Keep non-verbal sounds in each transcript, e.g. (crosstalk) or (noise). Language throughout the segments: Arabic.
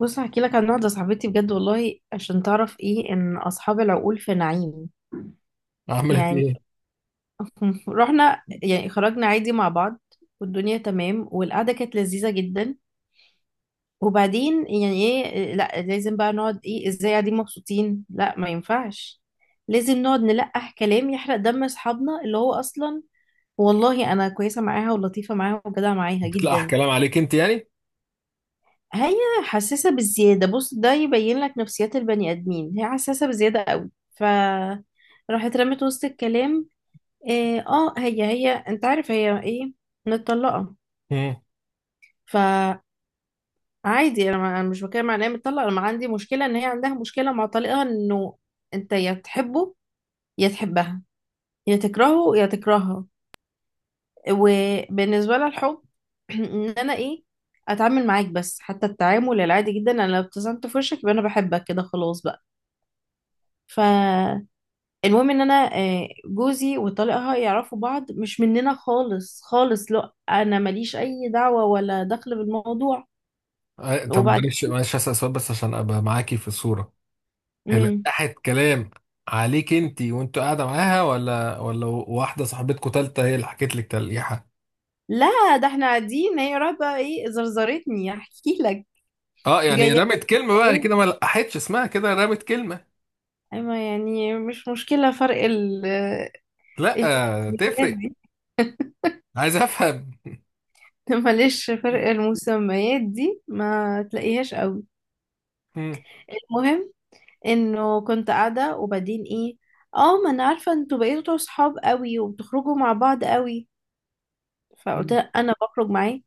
بص، هحكي لك عن واحدة صاحبتي بجد والله عشان تعرف ايه ان اصحاب العقول في نعيم. عملت يعني ايه؟ (laughs) رحنا، يعني خرجنا عادي مع بعض، والدنيا تمام، والقعدة كانت لذيذة جدا. وبعدين يعني ايه، لا لازم بقى نقعد، ايه ازاي قاعدين مبسوطين، لا ما ينفعش، لازم نقعد نلقح كلام يحرق دم اصحابنا، اللي هو اصلا والله انا كويسة معاها ولطيفة معاها وجدعة معاها بتلقح جدا. كلام عليك انت يعني؟ هي حساسة بالزيادة، بص ده يبين لك نفسيات البني آدمين، هي حساسة بزيادة قوي. ف راحت رمت وسط الكلام إيه. اه هي انت عارف هي ايه، متطلقة. مم. فعادي، انا ما- أنا مش بتكلم عن إن هي متطلقة، انا ما عندي مشكلة ان هي عندها مشكلة مع طليقها، انه انت يا تحبه يا تحبها يا تكرهه يا تكرهها. وبالنسبة لها الحب (clears throat) ان انا ايه اتعامل معاك، بس حتى التعامل العادي جدا، انا لو ابتسمت في وشك يبقى انا بحبك، كده خلاص بقى. فالمهم، ان انا جوزي وطليقها يعرفوا بعض، مش مننا خالص خالص، لا انا ماليش اي دعوة ولا دخل بالموضوع. طب، وبعد، معلش هسأل سؤال بس عشان ابقى معاكي في الصورة. هي امم لقحت كلام عليك انت وانت قاعدة معاها، ولا واحدة صاحبتكوا تالتة هي اللي حكت لك تلقيحة؟ لا ده احنا قاعدين، هي راحت بقى ايه زرزرتني احكي لك. اه يعني جايه رمت كلمة بقى ليه، كده، ما لقحتش اسمها كده، رمت كلمة. اما يعني مش مشكلة فرق لا التسميات تفرق. دي. عايز افهم. (laughs) معلش، فرق المسميات دي ما تلاقيهاش قوي. مم. المهم، انه كنت قاعدة وبعدين ايه، اه ما انا عارفة انتوا بقيتوا صحاب قوي وبتخرجوا مع بعض قوي، فقلت مم. لها انا بخرج معاه.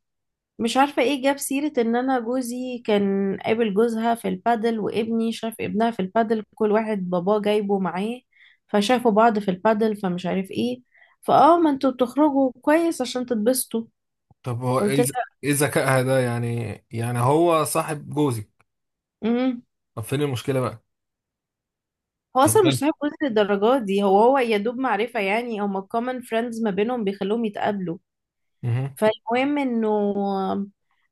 مش عارفة ايه جاب سيرة ان انا جوزي كان قابل جوزها في البادل، وابني شاف ابنها في البادل، كل واحد باباه جايبه معاه فشافوا بعض في البادل، فمش عارف ايه، فاه ما انتوا بتخرجوا كويس عشان تتبسطوا. طب هو قلت ايه لها، ايه ذكائها ده يعني؟ يعني هو صاحب جوزي. امم، طب فين المشكلة بقى؟ هو هي اصلا مش مالها؟ صاحب جوزي للدرجات دي، هو يا دوب معرفة، يعني هما common friends ما بينهم بيخلوهم يتقابلوا. مهم. فالمهم، انه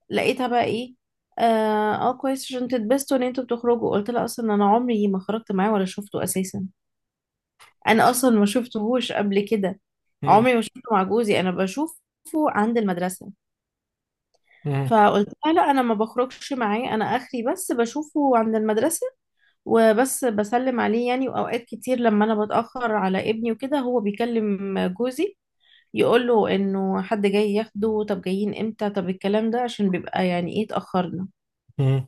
لقيتها بقى ايه، كويس عشان تتبسطوا ان انتوا بتخرجوا. قلت لها اصلا انا عمري ما خرجت معاه ولا شفته اساسا، انا اصلا ما شفتهوش قبل كده، عمري ما شفته مع جوزي، انا بشوفه عند المدرسة. مهم. فقلت لها لا انا ما بخرجش معاه، انا اخري بس بشوفه عند المدرسة وبس، بسلم عليه يعني، واوقات كتير لما انا بتأخر على ابني وكده هو بيكلم جوزي يقول له انه حد جاي ياخده، طب جايين امتى، طب الكلام ده عشان بيبقى يعني ايه اتأخرنا. مهم.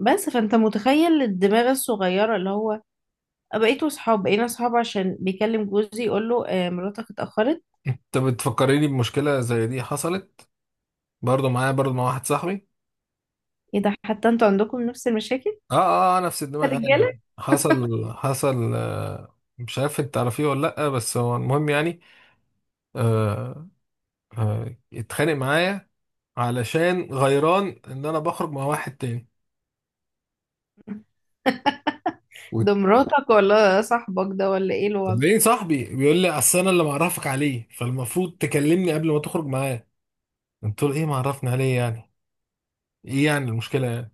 بس فانت متخيل الدماغ الصغيرة اللي هو أه بقيتوا صحاب، بقينا صحاب عشان بيكلم جوزي يقول له آه مراتك اتأخرت. انت بتفكريني بمشكلة زي دي حصلت برضو معايا، برضو مع واحد صاحبي. ايه ده، حتى انتوا عندكم نفس المشاكل اه، اه، نفس يا الدماغ انا دي. رجالة. حصل آه، مش عارف انت تعرفيه ولا لأ، بس هو المهم يعني. آه. اتخانق معايا علشان غيران ان انا بخرج مع واحد تاني. و- ده مراتك ولا صاحبك ده، ولا ايه طب الوضع؟ ليه؟ صاحبي بيقول لي: اصل انا اللي معرفك عليه، فالمفروض تكلمني قبل ما تخرج معاه. قلت له: ايه معرفني عليه يعني؟ ايه يعني المشكلة يعني؟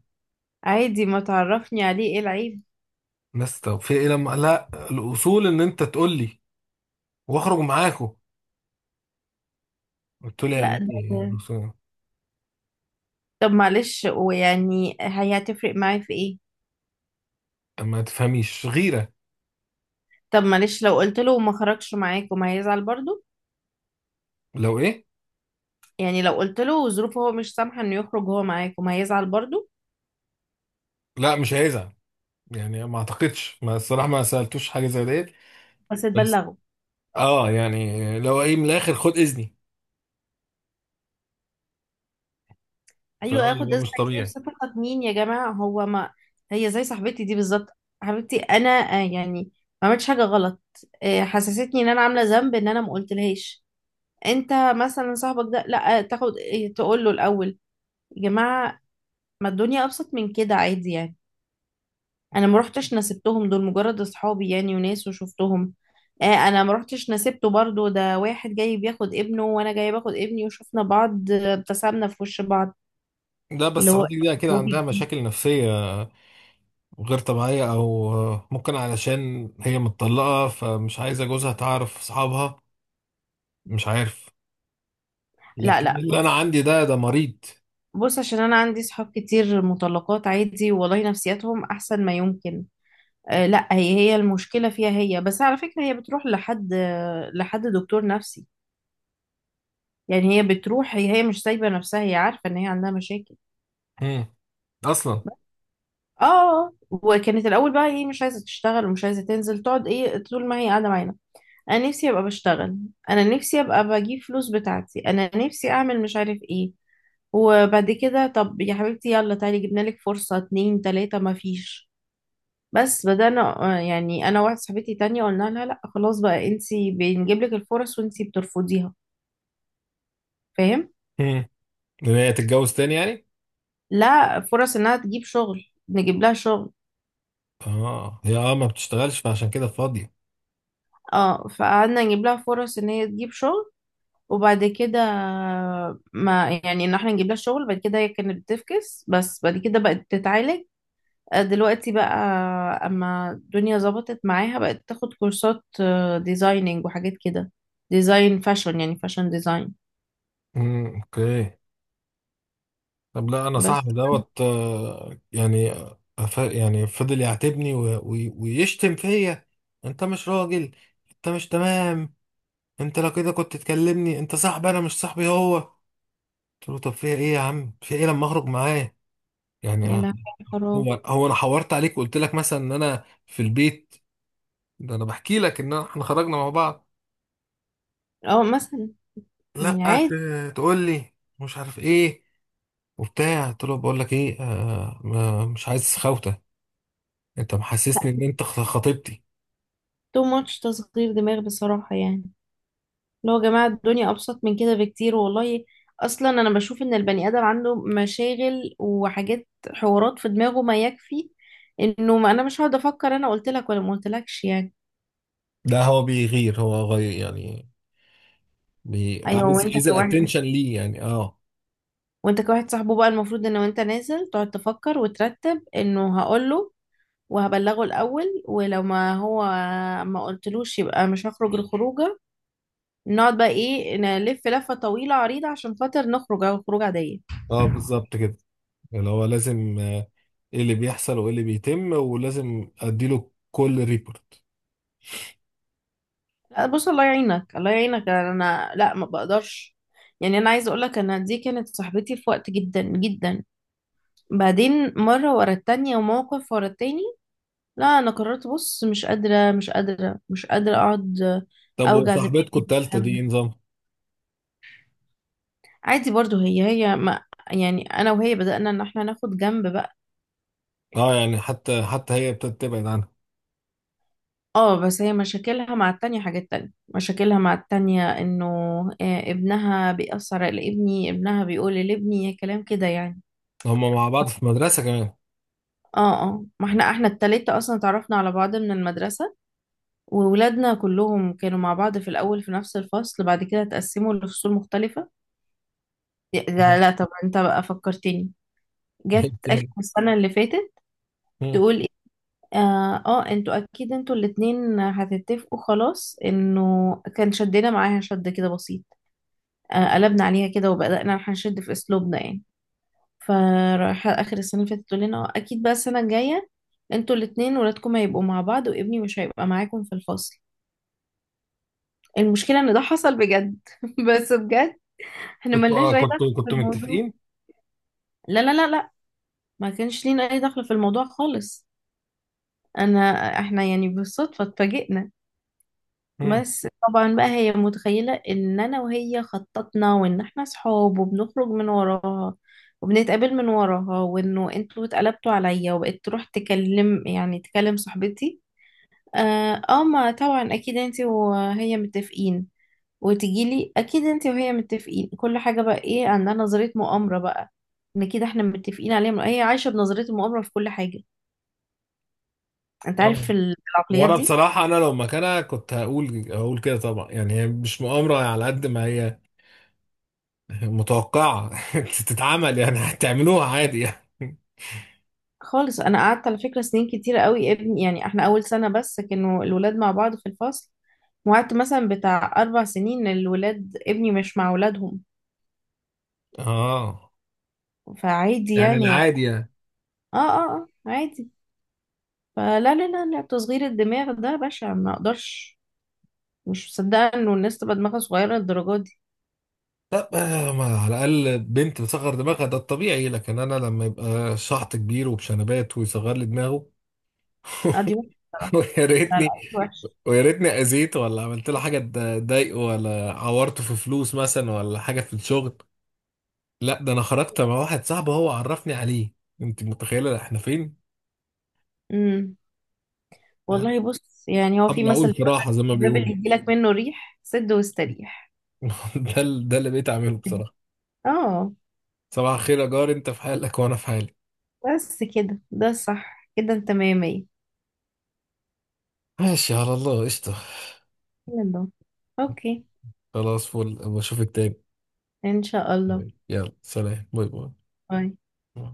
عادي ما تعرفني عليه، ايه العيب؟ بس طب في ايه لما، لا الاصول ان انت تقول لي واخرج معاكم. قلت له لا، يعني ايه ده طب معلش، ويعني هي هتفرق معايا في ايه؟ ما تفهميش غيرة. طب معلش لو قلت له وما خرجش معاك وما هيزعل برضه، لو ايه؟ يعني لو قلت له ظروفه هو مش سامحة انه يخرج هو معاكم هيزعل برضو. لا مش هيزعل، يعني ما اعتقدش، ما الصراحة ما سألتوش حاجة زي ديت. بس بس. تبلغه. اه يعني لو ايه، من الاخر خد اذني. فاهم، ايوه، اللي اخد هو اذنك مش ليه؟ طبيعي. بصفتك مين يا جماعة، هو ما هي زي صاحبتي دي بالظبط. حبيبتي انا يعني ما عملتش حاجة غلط، حسستني ان انا عاملة ذنب ان انا ما قلتلهاش. انت مثلا صاحبك ده لا تاخد تقول له الاول. يا جماعة، ما الدنيا ابسط من كده، عادي يعني. انا ما روحتش نسبتهم، دول مجرد اصحابي يعني وناس وشفتهم. آه انا ما روحتش نسبته برضو، ده واحد جاي بياخد ابنه وانا جاي باخد ابني وشفنا بعض، ابتسمنا في وش بعض، لا اللي بس هو حضرتك دي كده عندها روبي جديد. مشاكل نفسية غير طبيعية، او ممكن علشان هي متطلقة فمش عايزة جوزها تعرف اصحابها، مش عارف. لا لكن لا، اللي انا عندي ده مريض. بص، عشان انا عندي صحاب كتير مطلقات عادي، والله نفسياتهم احسن ما يمكن. آه، لا، هي المشكلة فيها هي، بس على فكرة هي بتروح لحد لحد دكتور نفسي، يعني هي بتروح، هي مش سايبة نفسها، هي عارفة ان هي عندها مشاكل. مم. اصلا. اه، وكانت الاول بقى ايه مش عايزه تشتغل ومش عايزه تنزل، تقعد ايه طول ما هي قاعده معانا، انا نفسي ابقى بشتغل، انا نفسي ابقى بجيب فلوس بتاعتي، انا نفسي اعمل مش عارف ايه. وبعد كده طب يا حبيبتي يلا تعالي جبنا لك فرصه، اتنين تلاته ما فيش، بس بدأنا يعني انا واحده صاحبتي تانية قلنا لها لا خلاص بقى، انتي بنجيب لك الفرص وانتي بترفضيها، فاهم؟ مم. ان هي تتجوز تاني يعني؟ لا، فرص انها تجيب شغل، نجيب لها شغل. اه هي، ما بتشتغلش فعشان كده فاضية. اه، فقعدنا نجيب لها فرص ان هي تجيب شغل. وبعد كده، ما يعني ان احنا نجيب لها شغل، بعد كده هي كانت بتفكس، بس بعد كده بقت بتتعالج. دلوقتي بقى اما الدنيا ظبطت معاها بقت تاخد كورسات، ديزايننج وحاجات كده، ديزاين فاشن يعني فاشن ديزاين. اوكي. طب لا انا بس صاحبي دوت، يعني يعني فضل يعاتبني، ويشتم فيا: انت مش راجل، انت مش تمام، انت لو كده كنت تكلمني، انت صاحبي، انا مش صاحبي هو. قلت له: طب فيها ايه يا عم؟ في ايه لما اخرج معاه يعني يعني فراغ. هو انا حورت عليك وقلت لك مثلا ان انا في البيت؟ ده انا بحكي لك ان احنا خرجنا مع بعض. اه مثلا، لا يعني عادي. تقول لي مش عارف ايه وبتاع. قلت له: بقول لك ايه، آه، مش عايز خوته، انت محسسني ان انت خطيبتي. تو ماتش تصغير دماغ بصراحة يعني، اللي هو يا جماعة الدنيا أبسط من كده بكتير والله. أصلا أنا بشوف إن البني آدم عنده مشاغل وحاجات، حوارات في دماغه ما يكفي، إنه ما أنا مش هقعد أفكر أنا قلت لك ولا ما قلتلكش يعني. ده هو بيغير، هو غير يعني. أيوه، عايز عايز الاتنشن ليه يعني؟ اه. وأنت كواحد صاحبه بقى المفروض إن وأنت نازل تقعد تفكر وترتب إنه هقوله وهبلغه الأول، ولو ما هو ما قلتلوش يبقى مش هخرج الخروجة، نقعد بقى إيه نلف لفة طويلة عريضة عشان خاطر نخرج أو خروجة عادية. اه بالظبط كده، اللي هو لازم ايه اللي بيحصل وايه اللي بيتم، ولازم اديله كل ريبورت. لا، بص، الله يعينك الله يعينك، انا لا ما بقدرش، يعني انا عايزه اقول لك انا دي كانت صاحبتي في وقت جدا جدا، بعدين مره ورا التانية وموقف ورا التاني، لا انا قررت بص مش قادره مش قادره مش قادره اقعد طب اوجع دماغي وصاحبتكم التالتة دي بالكلام ده. ايه نظام؟ عادي برضو، هي ما يعني انا وهي بدأنا ان احنا ناخد جنب بقى. اه يعني حتى هي ابتدت تبعد عنها. اه بس هي مشاكلها مع التانية حاجات تانية، مشاكلها مع التانية انه ابنها بيأثر على ابني، ابنها بيقول لابني كلام كده يعني. هما مع بعض في مدرسة كمان؟ اه اه، ما احنا، التلاتة اصلا اتعرفنا على بعض من المدرسة، وولادنا كلهم كانوا مع بعض في الاول في نفس الفصل، بعد كده اتقسموا لفصول مختلفة. لا مم. لا، طب انت بقى فكرتني، جت اخر (laughs) السنة اللي فاتت مم. تقول ايه، انتوا اكيد انتوا الاتنين هتتفقوا خلاص، انه كان شدنا معاها شد كده بسيط، آه قلبنا عليها كده وبدأنا هنشد في اسلوبنا يعني. فرايحة آخر السنة اللي فاتت تقول لنا أكيد بقى السنة الجاية انتوا الاتنين ولادكم هيبقوا مع بعض وابني مش هيبقى معاكم في الفصل. المشكلة إن ده حصل بجد (laughs) بس بجد، احنا كنتوا ملناش أي دخل كنتوا في كنتوا الموضوع. متفقين؟ لا لا لا لا، ما كانش لينا أي دخل في الموضوع خالص. أنا احنا يعني بالصدفة اتفاجئنا. مم. بس طبعا بقى هي متخيلة ان انا وهي خططنا وان احنا صحاب وبنخرج من وراها وبنتقابل من وراها، وانه انتوا اتقلبتوا عليا، وبقيت تروح تكلم يعني تكلم صاحبتي. اه ما طبعا اكيد انتي وهي متفقين، وتجيلي اكيد انتي وهي متفقين، كل حاجة بقى ايه عندها نظرية مؤامرة بقى، ان كده احنا متفقين عليها، هي عايشة بنظرية المؤامرة في كل حاجة. انت عارف طبعا. العقليات وانا دي. بصراحة انا لو مكانها كنت هقول كده طبعا، يعني هي مش مؤامرة على قد ما هي متوقعة (laughs) تتعمل، يعني هتعملوها عادي يعني. خالص، انا قعدت على فكره سنين كتيره قوي ابني، يعني احنا اول سنه بس كانوا الولاد مع بعض في الفصل، وقعدت مثلا بتاع 4 سنين الولاد ابني مش مع ولادهم، اه فعادي يعني يعني. اه العادي يعني. اه اه، عادي. فلا لا لا لا، تصغير الدماغ ده بشع، ما اقدرش، مش مصدقه انه الناس تبقى دماغها صغيره للدرجه دي. طب ما على الاقل بنت بتصغر دماغها، ده الطبيعي، لكن انا لما يبقى شحط كبير وبشنبات ويصغر لي دماغه! (laughs) لا دي وحشة بصراحه. ويا لا لا، ريتني، دي وحش. ويا ريتني اذيته ولا عملت له حاجة تضايقه، ولا عورته في فلوس مثلا ولا حاجة في الشغل. لا، ده انا خرجت مع واحد صاحبي هو عرفني عليه. انت متخيله احنا فين؟ امم، والله، بص يعني هو ابو في مثل العقول في بيقول راحه زي لك ما الباب اللي بيقولوا. يجيلك منه ريح سد واستريح. (laughs) ده اللي بقيت اعمله بصراحه. اه، صباح الخير يا جار، انت في حالك وانا في حالي. بس كده، ده صح كده، انت مية مية. ماشي على الله، قشطه. يلا، اوكي، خلاص، فل، بشوفك تاني. ان شاء الله، يلا سلام، باي. باي. باي.